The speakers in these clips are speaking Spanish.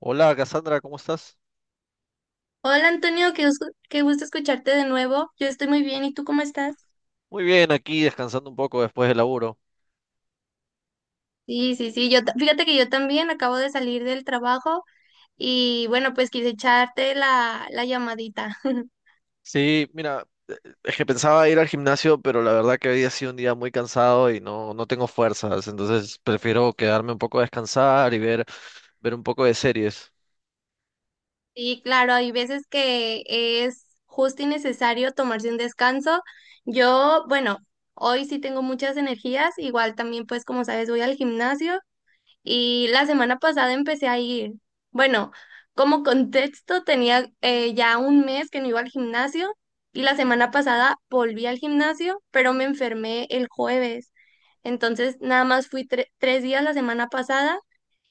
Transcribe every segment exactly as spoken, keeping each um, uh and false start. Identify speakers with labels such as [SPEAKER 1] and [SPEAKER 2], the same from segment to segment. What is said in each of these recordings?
[SPEAKER 1] Hola, Cassandra, ¿cómo estás?
[SPEAKER 2] Hola, Antonio, qué, gusto- qué gusto escucharte de nuevo. Yo estoy muy bien, ¿y tú cómo estás?
[SPEAKER 1] Muy bien, aquí descansando un poco después del laburo.
[SPEAKER 2] Sí, sí, sí. Yo ta- fíjate que yo también acabo de salir del trabajo, y bueno, pues quise echarte la, la llamadita.
[SPEAKER 1] Sí, mira, es que pensaba ir al gimnasio, pero la verdad que había sido un día muy cansado y no, no tengo fuerzas, entonces prefiero quedarme un poco a descansar y ver, ver un poco de series.
[SPEAKER 2] Sí, claro, hay veces que es justo y necesario tomarse un descanso. Yo, bueno, hoy sí tengo muchas energías, igual también pues como sabes voy al gimnasio. Y la semana pasada empecé a ir. Bueno, como contexto, tenía eh, ya un mes que no iba al gimnasio, y la semana pasada volví al gimnasio, pero me enfermé el jueves. Entonces, nada más fui tre- tres días la semana pasada,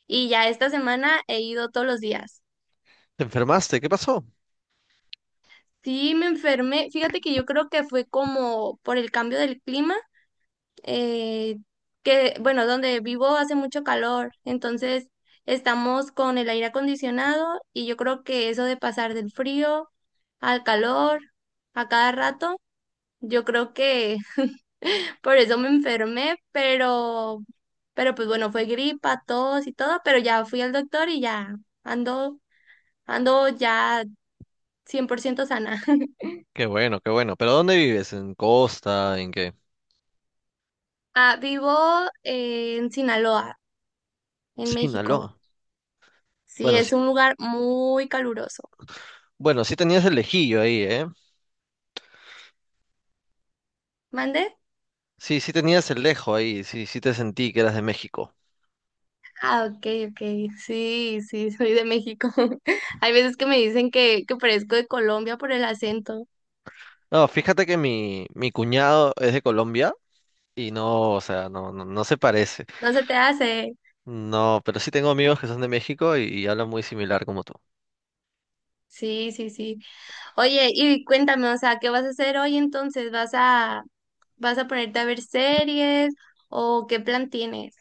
[SPEAKER 2] y ya esta semana he ido todos los días.
[SPEAKER 1] ¿Te enfermaste? ¿Qué pasó?
[SPEAKER 2] Sí, me enfermé. Fíjate que yo creo que fue como por el cambio del clima, eh, que, bueno, donde vivo hace mucho calor, entonces estamos con el aire acondicionado y yo creo que eso de pasar del frío al calor a cada rato, yo creo que por eso me enfermé, pero, pero pues bueno, fue gripa, tos y todo, pero ya fui al doctor y ya ando, ando ya cien por ciento sana.
[SPEAKER 1] Qué bueno, qué bueno. ¿Pero dónde vives? ¿En Costa? ¿En qué?
[SPEAKER 2] Ah, vivo eh, en Sinaloa, en México.
[SPEAKER 1] Sinaloa.
[SPEAKER 2] Sí,
[SPEAKER 1] Bueno, sí,
[SPEAKER 2] es un lugar muy caluroso.
[SPEAKER 1] bueno, sí tenías el lejillo ahí, ¿eh?
[SPEAKER 2] ¿Mande?
[SPEAKER 1] Sí, sí tenías el lejo ahí, sí, sí te sentí que eras de México.
[SPEAKER 2] Ah, ok, ok. Sí, sí, soy de México. Hay veces que me dicen que, que parezco de Colombia por el acento.
[SPEAKER 1] No, fíjate que mi, mi cuñado es de Colombia. Y no, o sea, no, no, no se parece.
[SPEAKER 2] No se te hace.
[SPEAKER 1] No, pero sí tengo amigos que son de México y, y hablan muy similar como tú.
[SPEAKER 2] Sí, sí, sí. Oye, y cuéntame, o sea, ¿qué vas a hacer hoy entonces? ¿Vas a, vas a ponerte a ver series o qué plan tienes?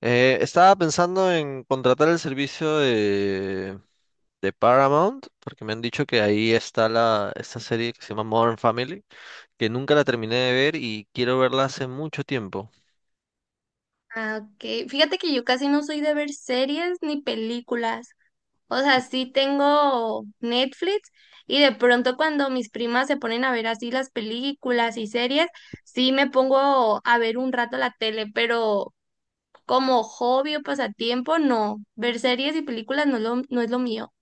[SPEAKER 1] Eh, estaba pensando en contratar el servicio de, de Paramount, porque me han dicho que ahí está la, esta serie que se llama Modern Family, que nunca la terminé de ver y quiero verla hace mucho tiempo.
[SPEAKER 2] Ah, ok. Fíjate que yo casi no soy de ver series ni películas. O sea, sí tengo Netflix y de pronto cuando mis primas se ponen a ver así las películas y series, sí me pongo a ver un rato la tele, pero como hobby o pasatiempo, no. Ver series y películas no, es lo- no es lo mío.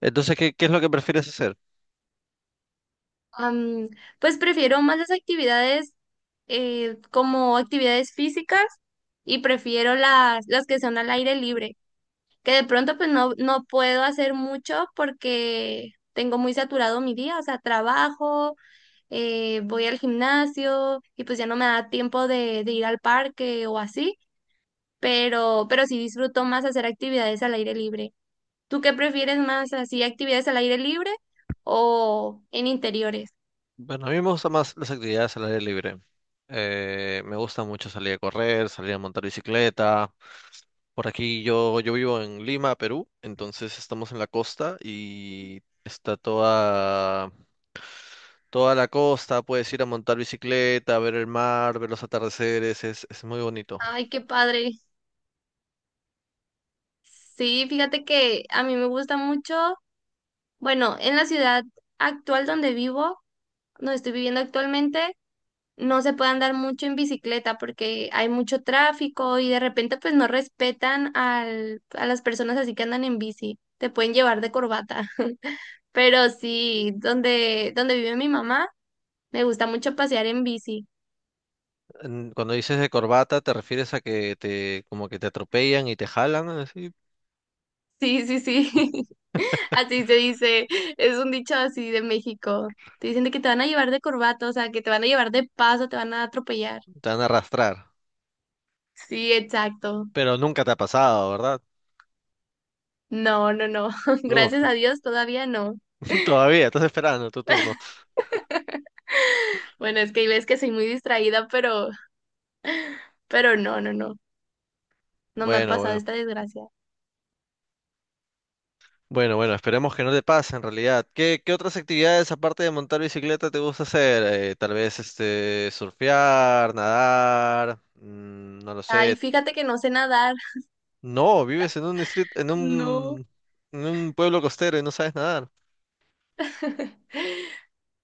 [SPEAKER 1] Entonces, ¿qué, qué es lo que prefieres hacer?
[SPEAKER 2] Am, pues prefiero más las actividades, eh, como actividades físicas y prefiero las, las que son al aire libre. Que de pronto pues no, no puedo hacer mucho porque tengo muy saturado mi día, o sea, trabajo, eh, voy al gimnasio y pues ya no me da tiempo de, de ir al parque o así, pero, pero sí disfruto más hacer actividades al aire libre. ¿Tú qué prefieres más, así actividades al aire libre o en interiores?
[SPEAKER 1] Bueno, a mí me gustan más las actividades al aire libre. Eh, me gusta mucho salir a correr, salir a montar bicicleta. Por aquí yo, yo vivo en Lima, Perú, entonces estamos en la costa y está toda, toda la costa, puedes ir a montar bicicleta, ver el mar, ver los atardeceres, es, es muy bonito.
[SPEAKER 2] Ay, qué padre. Sí, fíjate que a mí me gusta mucho, bueno, en la ciudad actual donde vivo, donde estoy viviendo actualmente, no se puede andar mucho en bicicleta porque hay mucho tráfico y de repente pues no respetan al, a las personas así que andan en bici, te pueden llevar de corbata. Pero sí, donde, donde vive mi mamá, me gusta mucho pasear en bici.
[SPEAKER 1] En- Cuando dices de corbata, ¿te refieres a que te como que te atropellan y te jalan, así?
[SPEAKER 2] Sí, sí, sí. Así se dice, es un dicho así de México. Te dicen de que te van a llevar de corbata, o sea, que te van a llevar de paso, te van a atropellar.
[SPEAKER 1] Te van a arrastrar.
[SPEAKER 2] Sí, exacto.
[SPEAKER 1] Pero nunca te ha pasado, ¿verdad?
[SPEAKER 2] No, no, no. Gracias
[SPEAKER 1] Uf,
[SPEAKER 2] a Dios todavía no.
[SPEAKER 1] todavía, estás esperando tu turno.
[SPEAKER 2] Bueno, es que hay veces que soy muy distraída, pero Pero no, no, no. No me ha
[SPEAKER 1] Bueno,
[SPEAKER 2] pasado
[SPEAKER 1] bueno.
[SPEAKER 2] esta desgracia.
[SPEAKER 1] Bueno, bueno, esperemos que no te pase en realidad. ¿Qué, qué otras actividades aparte de montar bicicleta te gusta hacer? Eh, tal vez este surfear, nadar, mm, no lo sé.
[SPEAKER 2] Ay, fíjate que no sé nadar.
[SPEAKER 1] No, vives en un distrito, en
[SPEAKER 2] No.
[SPEAKER 1] un, en un pueblo costero y no sabes nadar.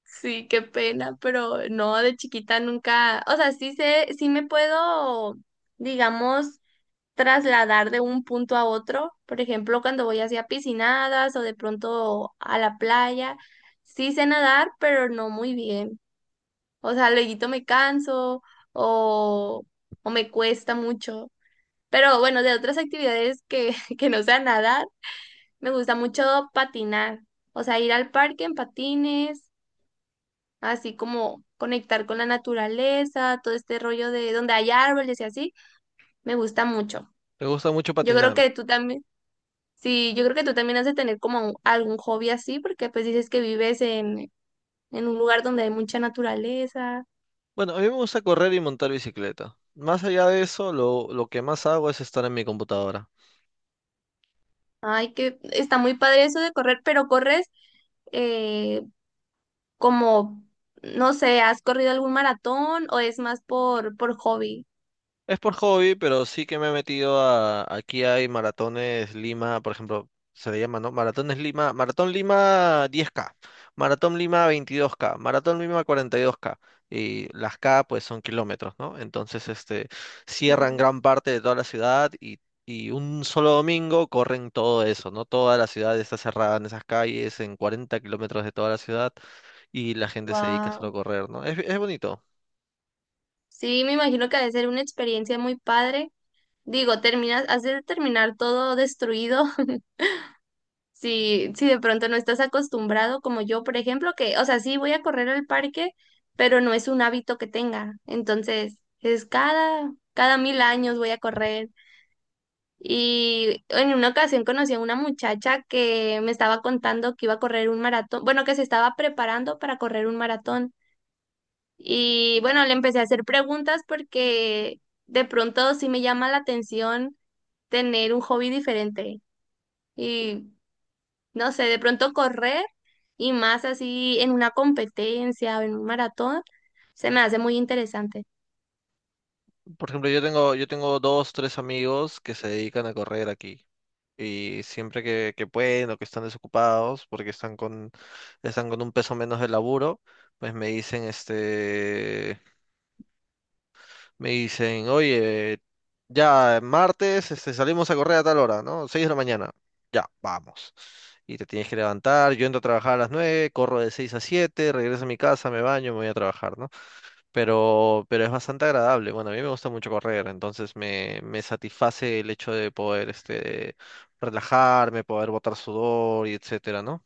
[SPEAKER 2] Sí, qué pena, pero no, de chiquita nunca, o sea, sí sé, sí me puedo, digamos, trasladar de un punto a otro, por ejemplo, cuando voy hacia piscinadas o de pronto a la playa, sí sé nadar, pero no muy bien, o sea, luego me canso o, o me cuesta mucho, pero bueno, de otras actividades que, que no sea nadar, me gusta mucho patinar, o sea, ir al parque en patines, así como conectar con la naturaleza, todo este rollo de donde hay árboles y así, me gusta mucho.
[SPEAKER 1] Te gusta mucho
[SPEAKER 2] Yo creo
[SPEAKER 1] patinar.
[SPEAKER 2] que tú también, sí, yo creo que tú también has de tener como un- algún hobby así, porque pues dices que vives en, en un lugar donde hay mucha naturaleza.
[SPEAKER 1] Bueno, a mí me gusta correr y montar bicicleta. Más allá de eso, lo, lo que más hago es estar en mi computadora.
[SPEAKER 2] Ay, que está muy padre eso de correr, pero corres, eh, como, no sé, ¿has corrido algún maratón o es más por, por hobby?
[SPEAKER 1] Es por hobby, pero sí que me he metido a... Aquí hay maratones Lima, por ejemplo, se le llama, ¿no? Maratones Lima, Maratón Lima diez K, Maratón Lima veintidós K, Maratón Lima cuarenta y dos K. Y dos K. Y las K, pues, son kilómetros, ¿no? Entonces, este, cierran
[SPEAKER 2] Sí.
[SPEAKER 1] gran parte de toda la ciudad y, y un solo domingo corren todo eso, ¿no? Toda la ciudad está cerrada en esas calles, en cuarenta kilómetros de toda la ciudad y la gente se dedica solo a
[SPEAKER 2] Guau.
[SPEAKER 1] correr, ¿no? Es, es bonito.
[SPEAKER 2] Sí, me imagino que ha de ser una experiencia muy padre. Digo, terminas, has de terminar todo destruido. si, si de pronto no estás acostumbrado, como yo, por ejemplo, que, o sea, sí voy a correr al parque, pero no es un hábito que tenga. Entonces, es cada, cada mil años voy a correr. Y en una ocasión conocí a una muchacha que me estaba contando que iba a correr un maratón, bueno, que se estaba preparando para correr un maratón. Y bueno, le empecé a hacer preguntas porque de pronto sí me llama la atención tener un hobby diferente. Y no sé, de pronto correr y más así en una competencia o en un maratón, se me hace muy interesante.
[SPEAKER 1] Por ejemplo, yo tengo, yo tengo dos, tres amigos que se dedican a correr aquí. Y siempre que, que pueden o que están desocupados porque están con, están con un peso menos de laburo, pues me dicen, este, me dicen, oye, ya martes, este, salimos a correr a tal hora, ¿no? Seis de la mañana. Ya, vamos. Y te tienes que levantar, yo entro a trabajar a las nueve, corro de seis a siete, regreso a mi casa, me baño, me voy a trabajar, ¿no? pero, pero es bastante agradable. Bueno, a mí me gusta mucho correr, entonces me, me satisface el hecho de poder este, relajarme, poder botar sudor y etcétera, ¿no?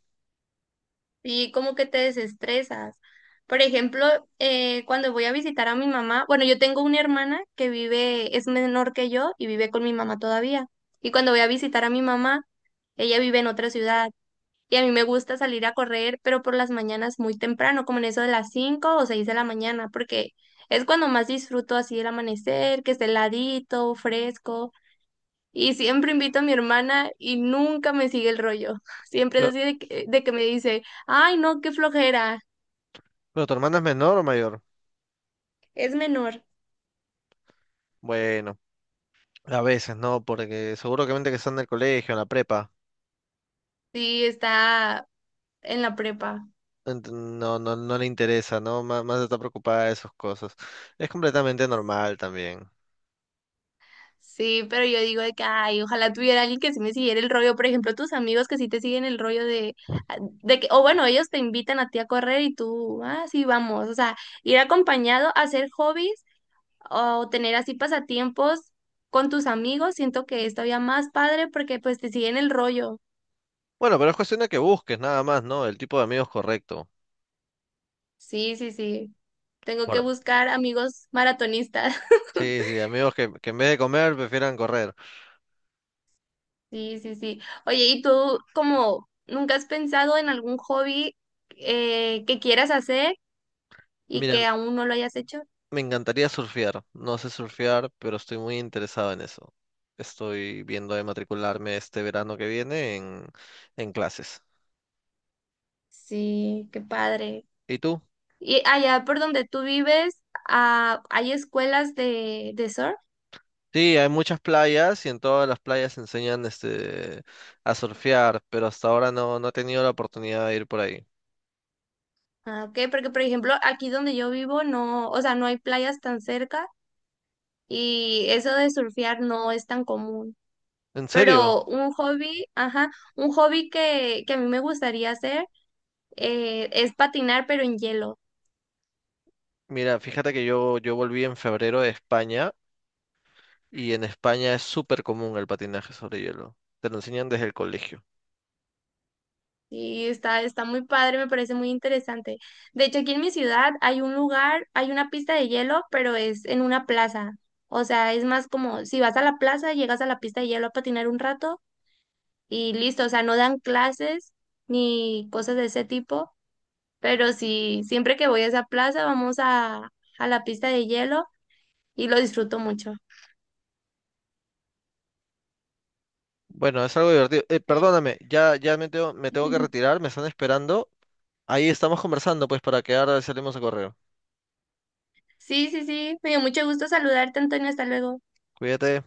[SPEAKER 2] Y como que te desestresas. Por ejemplo, eh, cuando voy a visitar a mi mamá, bueno, yo tengo una hermana que vive, es menor que yo y vive con mi mamá todavía. Y cuando voy a visitar a mi mamá, ella vive en otra ciudad. Y a mí me gusta salir a correr, pero por las mañanas muy temprano, como en eso de las cinco o seis de la mañana, porque es cuando más disfruto así el amanecer, que esté heladito, fresco. Y siempre invito a mi hermana y nunca me sigue el rollo. Siempre es
[SPEAKER 1] Pero,
[SPEAKER 2] así de que, de que me dice, ay, no, qué flojera,
[SPEAKER 1] pero ¿tu hermana es menor o mayor?
[SPEAKER 2] es menor.
[SPEAKER 1] Bueno, a veces, ¿no? Porque seguro que mente que está en el colegio, en la prepa.
[SPEAKER 2] Sí, está en la prepa.
[SPEAKER 1] Ent- No, no, no le interesa, ¿no? Má- Más, está preocupada de esas cosas. Es completamente normal también.
[SPEAKER 2] Sí, pero yo digo de que, ay, ojalá tuviera alguien que sí me siguiera el rollo. Por ejemplo, tus amigos que sí te siguen el rollo de, ah, de que, o bueno, ellos te invitan a ti a correr y tú, ah, sí, vamos. O sea, ir acompañado a hacer hobbies o tener así pasatiempos con tus amigos, siento que es todavía más padre porque pues te siguen el rollo.
[SPEAKER 1] Bueno, pero es cuestión de que busques nada más, ¿no? El tipo de amigos correcto.
[SPEAKER 2] Sí, sí, sí. Tengo que
[SPEAKER 1] Por-
[SPEAKER 2] buscar amigos maratonistas.
[SPEAKER 1] Sí, sí, amigos que, que en vez de comer prefieran correr.
[SPEAKER 2] Sí, sí, sí. Oye, ¿y tú como nunca has pensado en algún hobby, eh, que quieras hacer? Y
[SPEAKER 1] Mira,
[SPEAKER 2] que aún no lo hayas hecho.
[SPEAKER 1] me encantaría surfear. No sé surfear, pero estoy muy interesado en eso. Estoy viendo de matricularme este verano que viene en, en clases.
[SPEAKER 2] Sí, qué padre.
[SPEAKER 1] ¿Y tú?
[SPEAKER 2] Y allá por donde tú vives, ah, ¿hay escuelas de, de surf?
[SPEAKER 1] Sí, hay muchas playas y en todas las playas enseñan este a surfear, pero hasta ahora no, no he tenido la oportunidad de ir por ahí.
[SPEAKER 2] Ah, ok, porque por ejemplo, aquí donde yo vivo no, o sea, no hay playas tan cerca y eso de surfear no es tan común.
[SPEAKER 1] ¿En serio?
[SPEAKER 2] Pero un hobby, ajá, un hobby que, que a mí me gustaría hacer, eh, es patinar pero en hielo.
[SPEAKER 1] Mira, fíjate que yo, yo volví en febrero de España y en España es súper común el patinaje sobre hielo. Te lo enseñan desde el colegio.
[SPEAKER 2] Sí, está, está muy padre, me parece muy interesante. De hecho, aquí en mi ciudad hay un lugar, hay una pista de hielo, pero es en una plaza. O sea, es más como si vas a la plaza, llegas a la pista de hielo a patinar un rato y listo. O sea, no dan clases ni cosas de ese tipo, pero sí, siempre que voy a esa plaza vamos a, a la pista de hielo y lo disfruto mucho.
[SPEAKER 1] Bueno, es algo divertido. Eh,
[SPEAKER 2] Sí,
[SPEAKER 1] perdóname, ya, ya me tengo, me tengo que retirar, me están esperando. Ahí estamos conversando, pues, para quedar, salimos a correr.
[SPEAKER 2] sí, sí, sí, me dio mucho gusto saludarte, Antonio, hasta luego.
[SPEAKER 1] Cuídate.